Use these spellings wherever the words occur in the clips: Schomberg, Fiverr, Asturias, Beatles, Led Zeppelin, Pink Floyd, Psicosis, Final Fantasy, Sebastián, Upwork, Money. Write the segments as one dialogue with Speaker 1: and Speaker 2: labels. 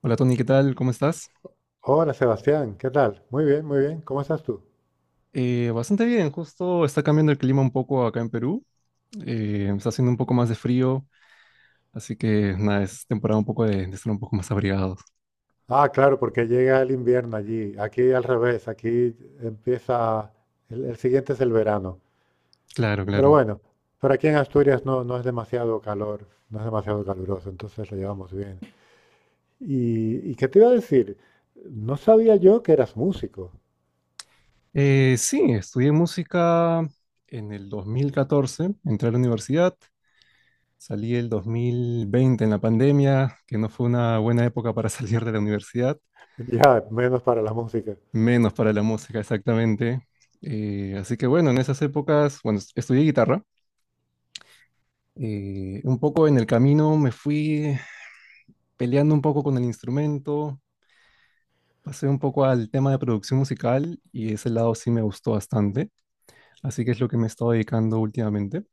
Speaker 1: Hola Tony, ¿qué tal? ¿Cómo estás?
Speaker 2: Hola Sebastián, ¿qué tal? Muy bien, muy bien. ¿Cómo estás tú?
Speaker 1: Bastante bien, justo está cambiando el clima un poco acá en Perú. Está haciendo un poco más de frío, así que nada, es temporada un poco de estar un poco más abrigados.
Speaker 2: Ah, claro, porque llega el invierno allí. Aquí al revés, aquí empieza, el siguiente es el verano.
Speaker 1: Claro,
Speaker 2: Pero
Speaker 1: claro.
Speaker 2: bueno, pero aquí en Asturias no es demasiado calor, no es demasiado caluroso, entonces lo llevamos bien. ¿Y qué te iba a decir? No sabía yo que eras músico.
Speaker 1: Sí, estudié música en el 2014, entré a la universidad, salí el 2020 en la pandemia, que no fue una buena época para salir de la universidad,
Speaker 2: Ya, menos para la música.
Speaker 1: menos para la música exactamente. Así que bueno, en esas épocas, bueno, estudié guitarra. Un poco en el camino me fui peleando un poco con el instrumento, pasé un poco al tema de producción musical y ese lado sí me gustó bastante, así que es lo que me he estado dedicando últimamente.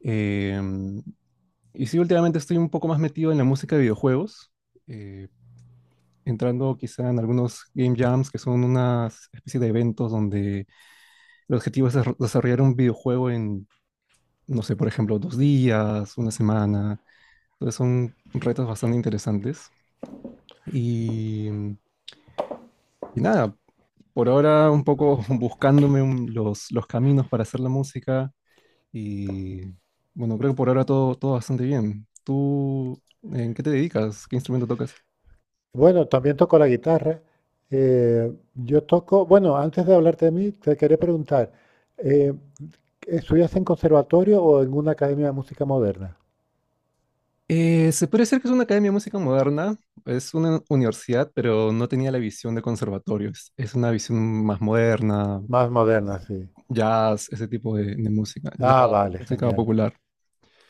Speaker 1: Em, y sí, últimamente estoy un poco más metido en la música de videojuegos, eh, entrando quizá en algunos game jams que son unas especie de eventos donde el objetivo es desarrollar un videojuego en, no sé, por ejemplo, dos días, una semana. Entonces son retos bastante interesantes. Y nada, por ahora un poco los caminos para hacer la música y bueno, creo que por ahora todo bastante bien. ¿Tú en qué te dedicas? ¿Qué instrumento tocas?
Speaker 2: Bueno, también toco la guitarra. Yo toco, bueno, antes de hablarte de mí, te quería preguntar. Eh, ¿Estudias en conservatorio o en una academia de música moderna?
Speaker 1: Se puede decir que es una academia de música moderna, es una universidad, pero no tenía la visión de conservatorio, es una visión más moderna,
Speaker 2: Más moderna, sí.
Speaker 1: jazz, ese tipo de música,
Speaker 2: Ah,
Speaker 1: jazz,
Speaker 2: vale,
Speaker 1: música
Speaker 2: genial.
Speaker 1: popular.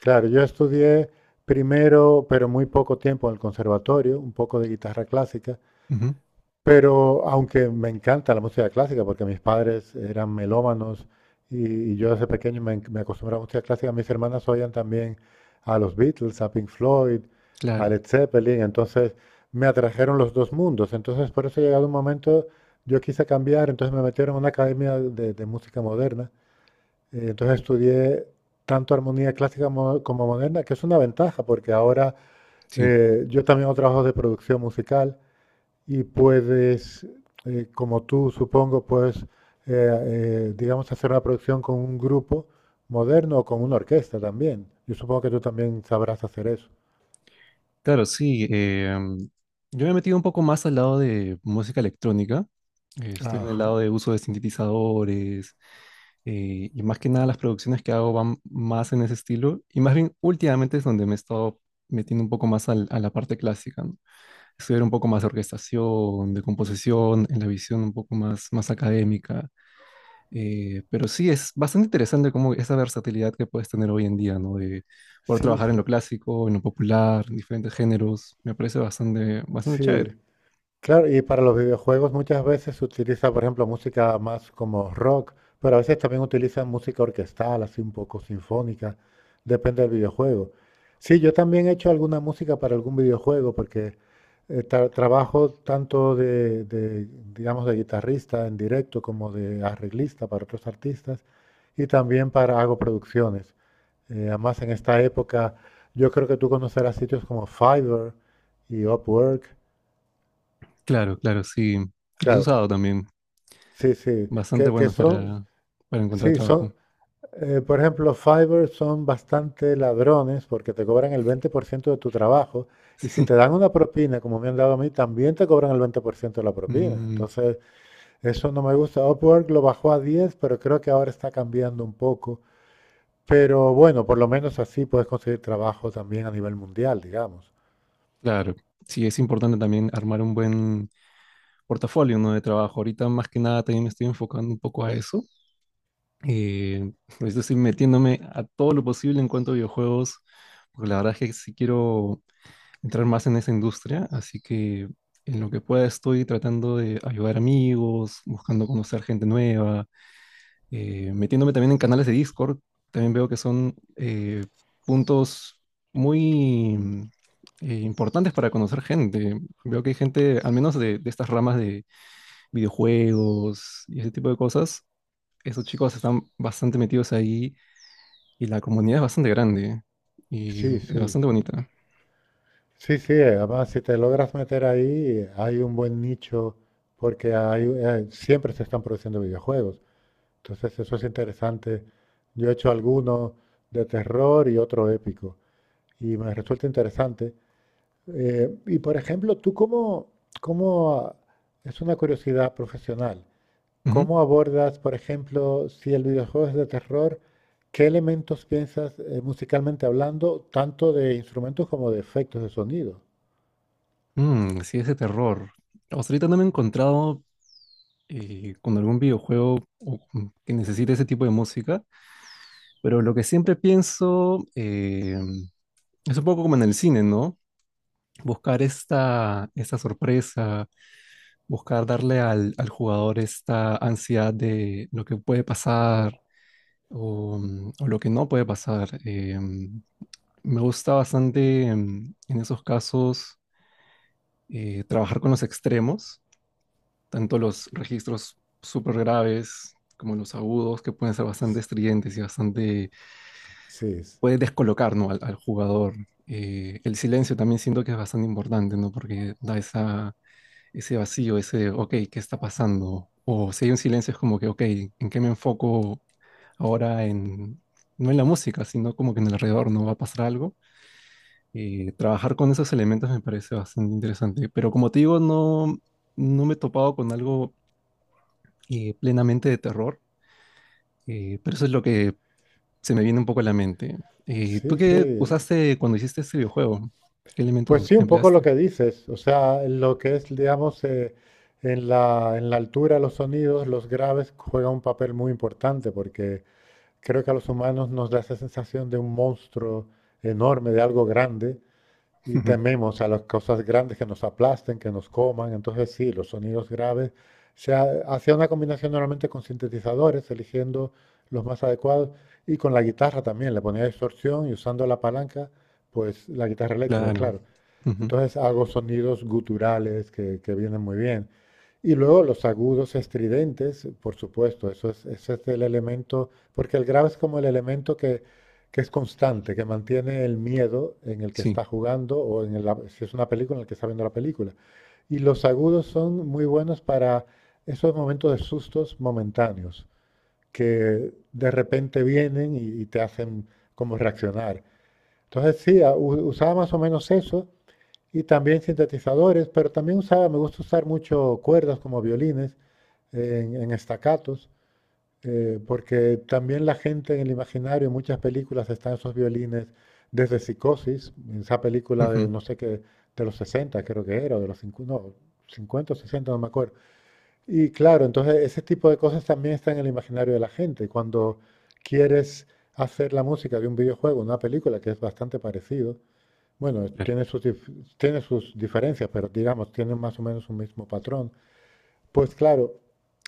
Speaker 2: Claro, yo estudié primero, pero muy poco tiempo en el conservatorio, un poco de guitarra clásica,
Speaker 1: Ujú,
Speaker 2: pero aunque me encanta la música clásica, porque mis padres eran melómanos y yo desde pequeño me acostumbré a la música clásica, mis hermanas oían también a los Beatles, a Pink Floyd, a
Speaker 1: claro,
Speaker 2: Led Zeppelin, entonces me atrajeron los dos mundos. Entonces por eso he llegado un momento, yo quise cambiar, entonces me metieron en una academia de música moderna. Entonces estudié tanto armonía clásica como moderna, que es una ventaja, porque ahora
Speaker 1: sí.
Speaker 2: yo también hago trabajos de producción musical y puedes, como tú supongo, puedes, digamos, hacer una producción con un grupo moderno o con una orquesta también. Yo supongo que tú también sabrás hacer eso.
Speaker 1: Claro, sí. Yo me he metido un poco más al lado de música electrónica. Estoy en el
Speaker 2: Ajá.
Speaker 1: lado de uso de sintetizadores, y más que nada las producciones que hago van más en ese estilo. Y más bien últimamente es donde me he estado metiendo un poco más a la parte clásica, ¿no? Estudiar un poco más de orquestación, de composición, en la visión un poco más, más académica. Pero sí, es bastante interesante como esa versatilidad que puedes tener hoy en día, ¿no? De poder
Speaker 2: Sí,
Speaker 1: trabajar en lo
Speaker 2: sí.
Speaker 1: clásico, en lo popular, en diferentes géneros. Me parece bastante, bastante chévere.
Speaker 2: Sí, claro, y para los videojuegos muchas veces se utiliza, por ejemplo, música más como rock, pero a veces también utilizan música orquestal, así un poco sinfónica, depende del videojuego. Sí, yo también he hecho alguna música para algún videojuego, porque trabajo tanto de, digamos, de guitarrista en directo como de arreglista para otros artistas y también para hago producciones. Además, en esta época, yo creo que tú conocerás sitios como Fiverr y Upwork.
Speaker 1: Claro, claro, sí. Los he
Speaker 2: Claro.
Speaker 1: usado también.
Speaker 2: Sí, sí,
Speaker 1: Bastante
Speaker 2: que
Speaker 1: buenos
Speaker 2: son,
Speaker 1: para encontrar
Speaker 2: sí, son,
Speaker 1: trabajo.
Speaker 2: por ejemplo, Fiverr son bastante ladrones porque te cobran el 20% de tu trabajo y si te dan una propina, como me han dado a mí, también te cobran el 20% de la
Speaker 1: Sí.
Speaker 2: propina.
Speaker 1: Mm,
Speaker 2: Entonces, eso no me gusta. Upwork lo bajó a 10, pero creo que ahora está cambiando un poco. Pero bueno, por lo menos así puedes conseguir trabajo también a nivel mundial, digamos.
Speaker 1: claro. Sí, es importante también armar un buen portafolio, ¿no? De trabajo. Ahorita más que nada también me estoy enfocando un poco a eso. Eh, Ahorita estoy metiéndome a todo lo posible en cuanto a videojuegos, porque la verdad es que sí quiero entrar más en esa industria, así que en lo que pueda estoy tratando de ayudar amigos, buscando conocer gente nueva, metiéndome también en canales de Discord, también veo que son puntos muy importantes para conocer gente. Veo que hay gente, al menos de estas ramas de videojuegos y ese tipo de cosas, esos chicos están bastante metidos ahí y la comunidad es bastante grande y
Speaker 2: Sí,
Speaker 1: es
Speaker 2: sí.
Speaker 1: bastante bonita.
Speaker 2: Sí, sí, además si te logras meter ahí, hay un buen nicho porque hay, siempre se están produciendo videojuegos. Entonces eso es interesante. Yo he hecho alguno de terror y otro épico y me resulta interesante. Y por ejemplo, tú cómo, es una curiosidad profesional,
Speaker 1: Ujú.
Speaker 2: ¿cómo abordas, por ejemplo, si el videojuego es de terror, qué elementos piensas musicalmente hablando, tanto de instrumentos como de efectos de sonido?
Speaker 1: Mm, sí, ese terror. O sea, ahorita no me he encontrado con algún videojuego o que necesite ese tipo de música, pero lo que siempre pienso es un poco como en el cine, ¿no? Buscar esta, esta sorpresa, buscar darle al jugador esta ansiedad de lo que puede pasar o, mm, o lo que no puede pasar. Me gusta bastante en esos casos trabajar con los extremos tanto los registros súper graves como los agudos, que pueden ser bastante estridentes y bastante,
Speaker 2: Sí,
Speaker 1: puede descolocar, ¿no? Al jugador. El silencio también siento que es bastante importante, ¿no? Porque da esa, ese vacío, ese, ok, ¿qué está pasando? O si hay un silencio es como que, ok, ¿en qué me enfoco ahora en, no en la música, sino como que en el alrededor no va a pasar algo? Trabajar con esos elementos me parece bastante interesante, pero como te digo, no, no me he topado con algo plenamente de terror. Pero eso es lo que se me viene un poco a la mente. ¿Tú
Speaker 2: sí,
Speaker 1: qué
Speaker 2: sí.
Speaker 1: usaste cuando hiciste este videojuego? ¿Qué elementos
Speaker 2: Pues sí, un poco lo
Speaker 1: empleaste?
Speaker 2: que dices. O sea, lo que es, digamos, en la altura, los sonidos, los graves juegan un papel muy importante porque creo que a los humanos nos da esa sensación de un monstruo enorme, de algo grande, y
Speaker 1: Ujú.
Speaker 2: tememos a las cosas grandes que nos aplasten, que nos coman. Entonces sí, los sonidos graves. Se hacía una combinación normalmente con sintetizadores, eligiendo los más adecuados, y con la guitarra también. Le ponía distorsión y usando la palanca, pues la guitarra eléctrica,
Speaker 1: Claro.
Speaker 2: claro.
Speaker 1: Ujú.
Speaker 2: Entonces hago sonidos guturales que vienen muy bien. Y luego los agudos estridentes, por supuesto, eso es, ese es el elemento, porque el grave es como el elemento que es constante, que mantiene el miedo en el que
Speaker 1: Sí.
Speaker 2: está jugando o en el, si es una película en el que está viendo la película. Y los agudos son muy buenos para esos momentos de sustos momentáneos, que de repente vienen y te hacen como reaccionar. Entonces sí, usaba más o menos eso y también sintetizadores, pero también usaba, me gusta usar mucho cuerdas como violines en estacatos, porque también la gente en el imaginario, en muchas películas están esos violines desde Psicosis, esa película de
Speaker 1: Ujú.
Speaker 2: no sé qué, de los 60 creo que era, o de los 50, no, 50 o 60, no me acuerdo. Y claro, entonces ese tipo de cosas también está en el imaginario de la gente. Cuando quieres hacer la música de un videojuego, una película, que es bastante parecido, bueno,
Speaker 1: Claro.
Speaker 2: tiene sus diferencias, pero digamos, tiene más o menos un mismo patrón. Pues claro,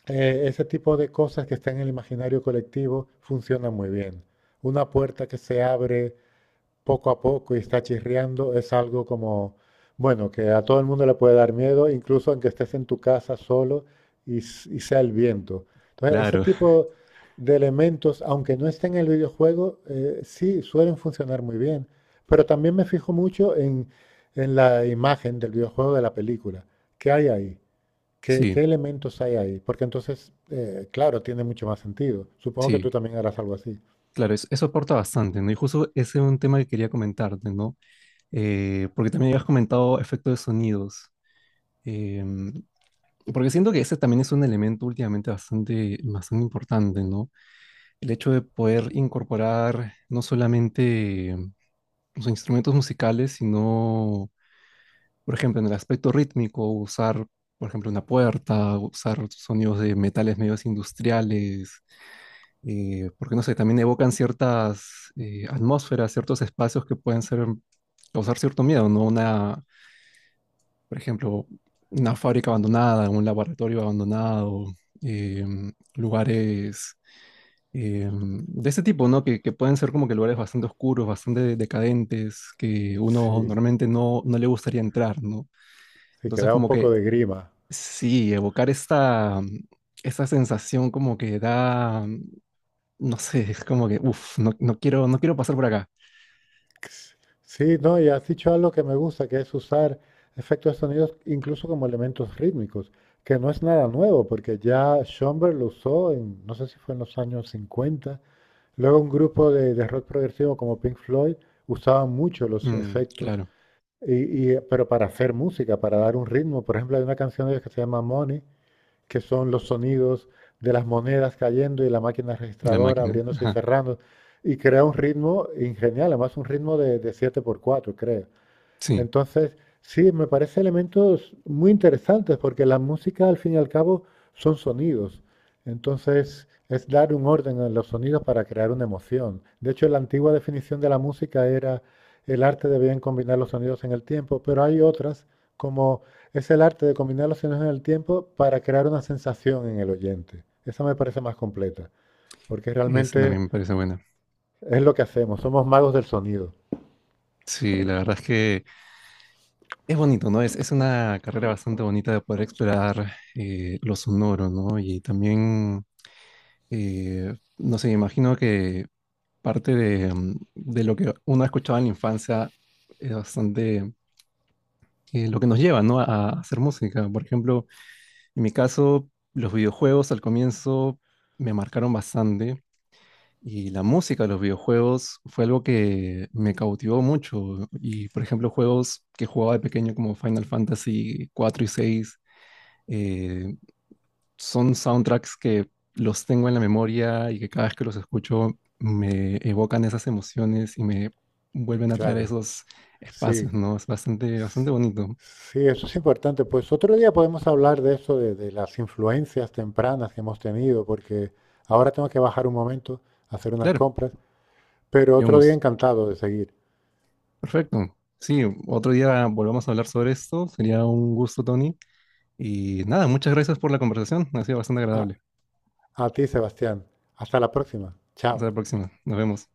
Speaker 2: ese tipo de cosas que están en el imaginario colectivo funcionan muy bien. Una puerta que se abre poco a poco y está chirriando, es algo como, bueno, que a todo el mundo le puede dar miedo, incluso aunque estés en tu casa solo y sea el viento. Entonces, ese
Speaker 1: Claro.
Speaker 2: tipo de elementos, aunque no estén en el videojuego, sí suelen funcionar muy bien. Pero también me fijo mucho en la imagen del videojuego de la película. ¿Qué hay ahí? ¿Qué,
Speaker 1: Sí,
Speaker 2: qué elementos hay ahí? Porque entonces, claro, tiene mucho más sentido. Supongo que
Speaker 1: sí.
Speaker 2: tú también harás algo así.
Speaker 1: Claro, eso aporta bastante, ¿no? Y justo ese es un tema que quería comentarte, ¿no? Porque también habías comentado efectos de sonidos. Em, Porque siento que ese también es un elemento últimamente bastante, bastante importante, ¿no? El hecho de poder incorporar no solamente los instrumentos musicales, sino, por ejemplo, en el aspecto rítmico, usar, por ejemplo, una puerta, usar sonidos de metales medios industriales, porque no sé, también evocan ciertas atmósferas, ciertos espacios que pueden ser, causar cierto miedo, ¿no? Una, por ejemplo, una fábrica abandonada, un laboratorio abandonado, eh, lugares de ese tipo, ¿no? Que pueden ser como que lugares bastante oscuros, bastante decadentes, que uno
Speaker 2: Sí,
Speaker 1: normalmente no, no le gustaría entrar, ¿no?
Speaker 2: sí, que
Speaker 1: Entonces
Speaker 2: da un
Speaker 1: como
Speaker 2: poco
Speaker 1: que
Speaker 2: de grima.
Speaker 1: sí, evocar esta, esta sensación como que da, no sé, es como que, uff, no, no quiero, no quiero pasar por acá.
Speaker 2: Sí, no, y has dicho algo que me gusta, que es usar efectos de sonidos incluso como elementos rítmicos, que no es nada nuevo, porque ya Schomberg lo usó en, no sé si fue en los años 50. Luego un grupo de rock progresivo como Pink Floyd usaban mucho los
Speaker 1: Mm,
Speaker 2: efectos,
Speaker 1: claro,
Speaker 2: pero para hacer música, para dar un ritmo. Por ejemplo, hay una canción de ellos que se llama Money, que son los sonidos de las monedas cayendo y la máquina
Speaker 1: la
Speaker 2: registradora
Speaker 1: máquina,
Speaker 2: abriéndose y
Speaker 1: ajá,
Speaker 2: cerrando, y crea un ritmo ingenial, además un ritmo de 7/4, creo.
Speaker 1: sí,
Speaker 2: Entonces, sí, me parece elementos muy interesantes porque la música al fin y al cabo son sonidos. Entonces, es dar un orden a los sonidos para crear una emoción. De hecho, la antigua definición de la música era el arte de bien combinar los sonidos en el tiempo, pero hay otras como es el arte de combinar los sonidos en el tiempo para crear una sensación en el oyente. Esa me parece más completa, porque
Speaker 1: esa
Speaker 2: realmente
Speaker 1: también me parece buena.
Speaker 2: es lo que hacemos, somos magos del sonido.
Speaker 1: Sí, la verdad es que es bonito, ¿no? Es una carrera bastante bonita de poder explorar lo sonoro, ¿no? Y también no sé, me imagino que parte de, mm, de lo que uno ha escuchado en la infancia es bastante lo que nos lleva, ¿no? A hacer música. Por ejemplo, en mi caso, los videojuegos al comienzo me marcaron bastante y la música de los videojuegos fue algo que me cautivó mucho. Y, por ejemplo, juegos que jugaba de pequeño como Final Fantasy 4 y 6 eh, son soundtracks que los tengo en la memoria y que cada vez que los escucho me evocan esas emociones y me vuelven a traer
Speaker 2: Claro,
Speaker 1: esos espacios,
Speaker 2: sí.
Speaker 1: ¿no? Es bastante, bastante bonito.
Speaker 2: Sí, eso es importante. Pues otro día podemos hablar de eso, de las influencias tempranas que hemos tenido, porque ahora tengo que bajar un momento a hacer unas
Speaker 1: Claro,
Speaker 2: compras, pero
Speaker 1: sería un
Speaker 2: otro día
Speaker 1: gusto.
Speaker 2: encantado de seguir.
Speaker 1: Perfecto. Sí, otro día volvamos a hablar sobre esto. Sería un gusto, Tony. Y nada, muchas gracias por la conversación. Ha sido bastante
Speaker 2: A,
Speaker 1: agradable.
Speaker 2: a ti, Sebastián. Hasta la próxima.
Speaker 1: Hasta
Speaker 2: Chao.
Speaker 1: la próxima. Nos vemos.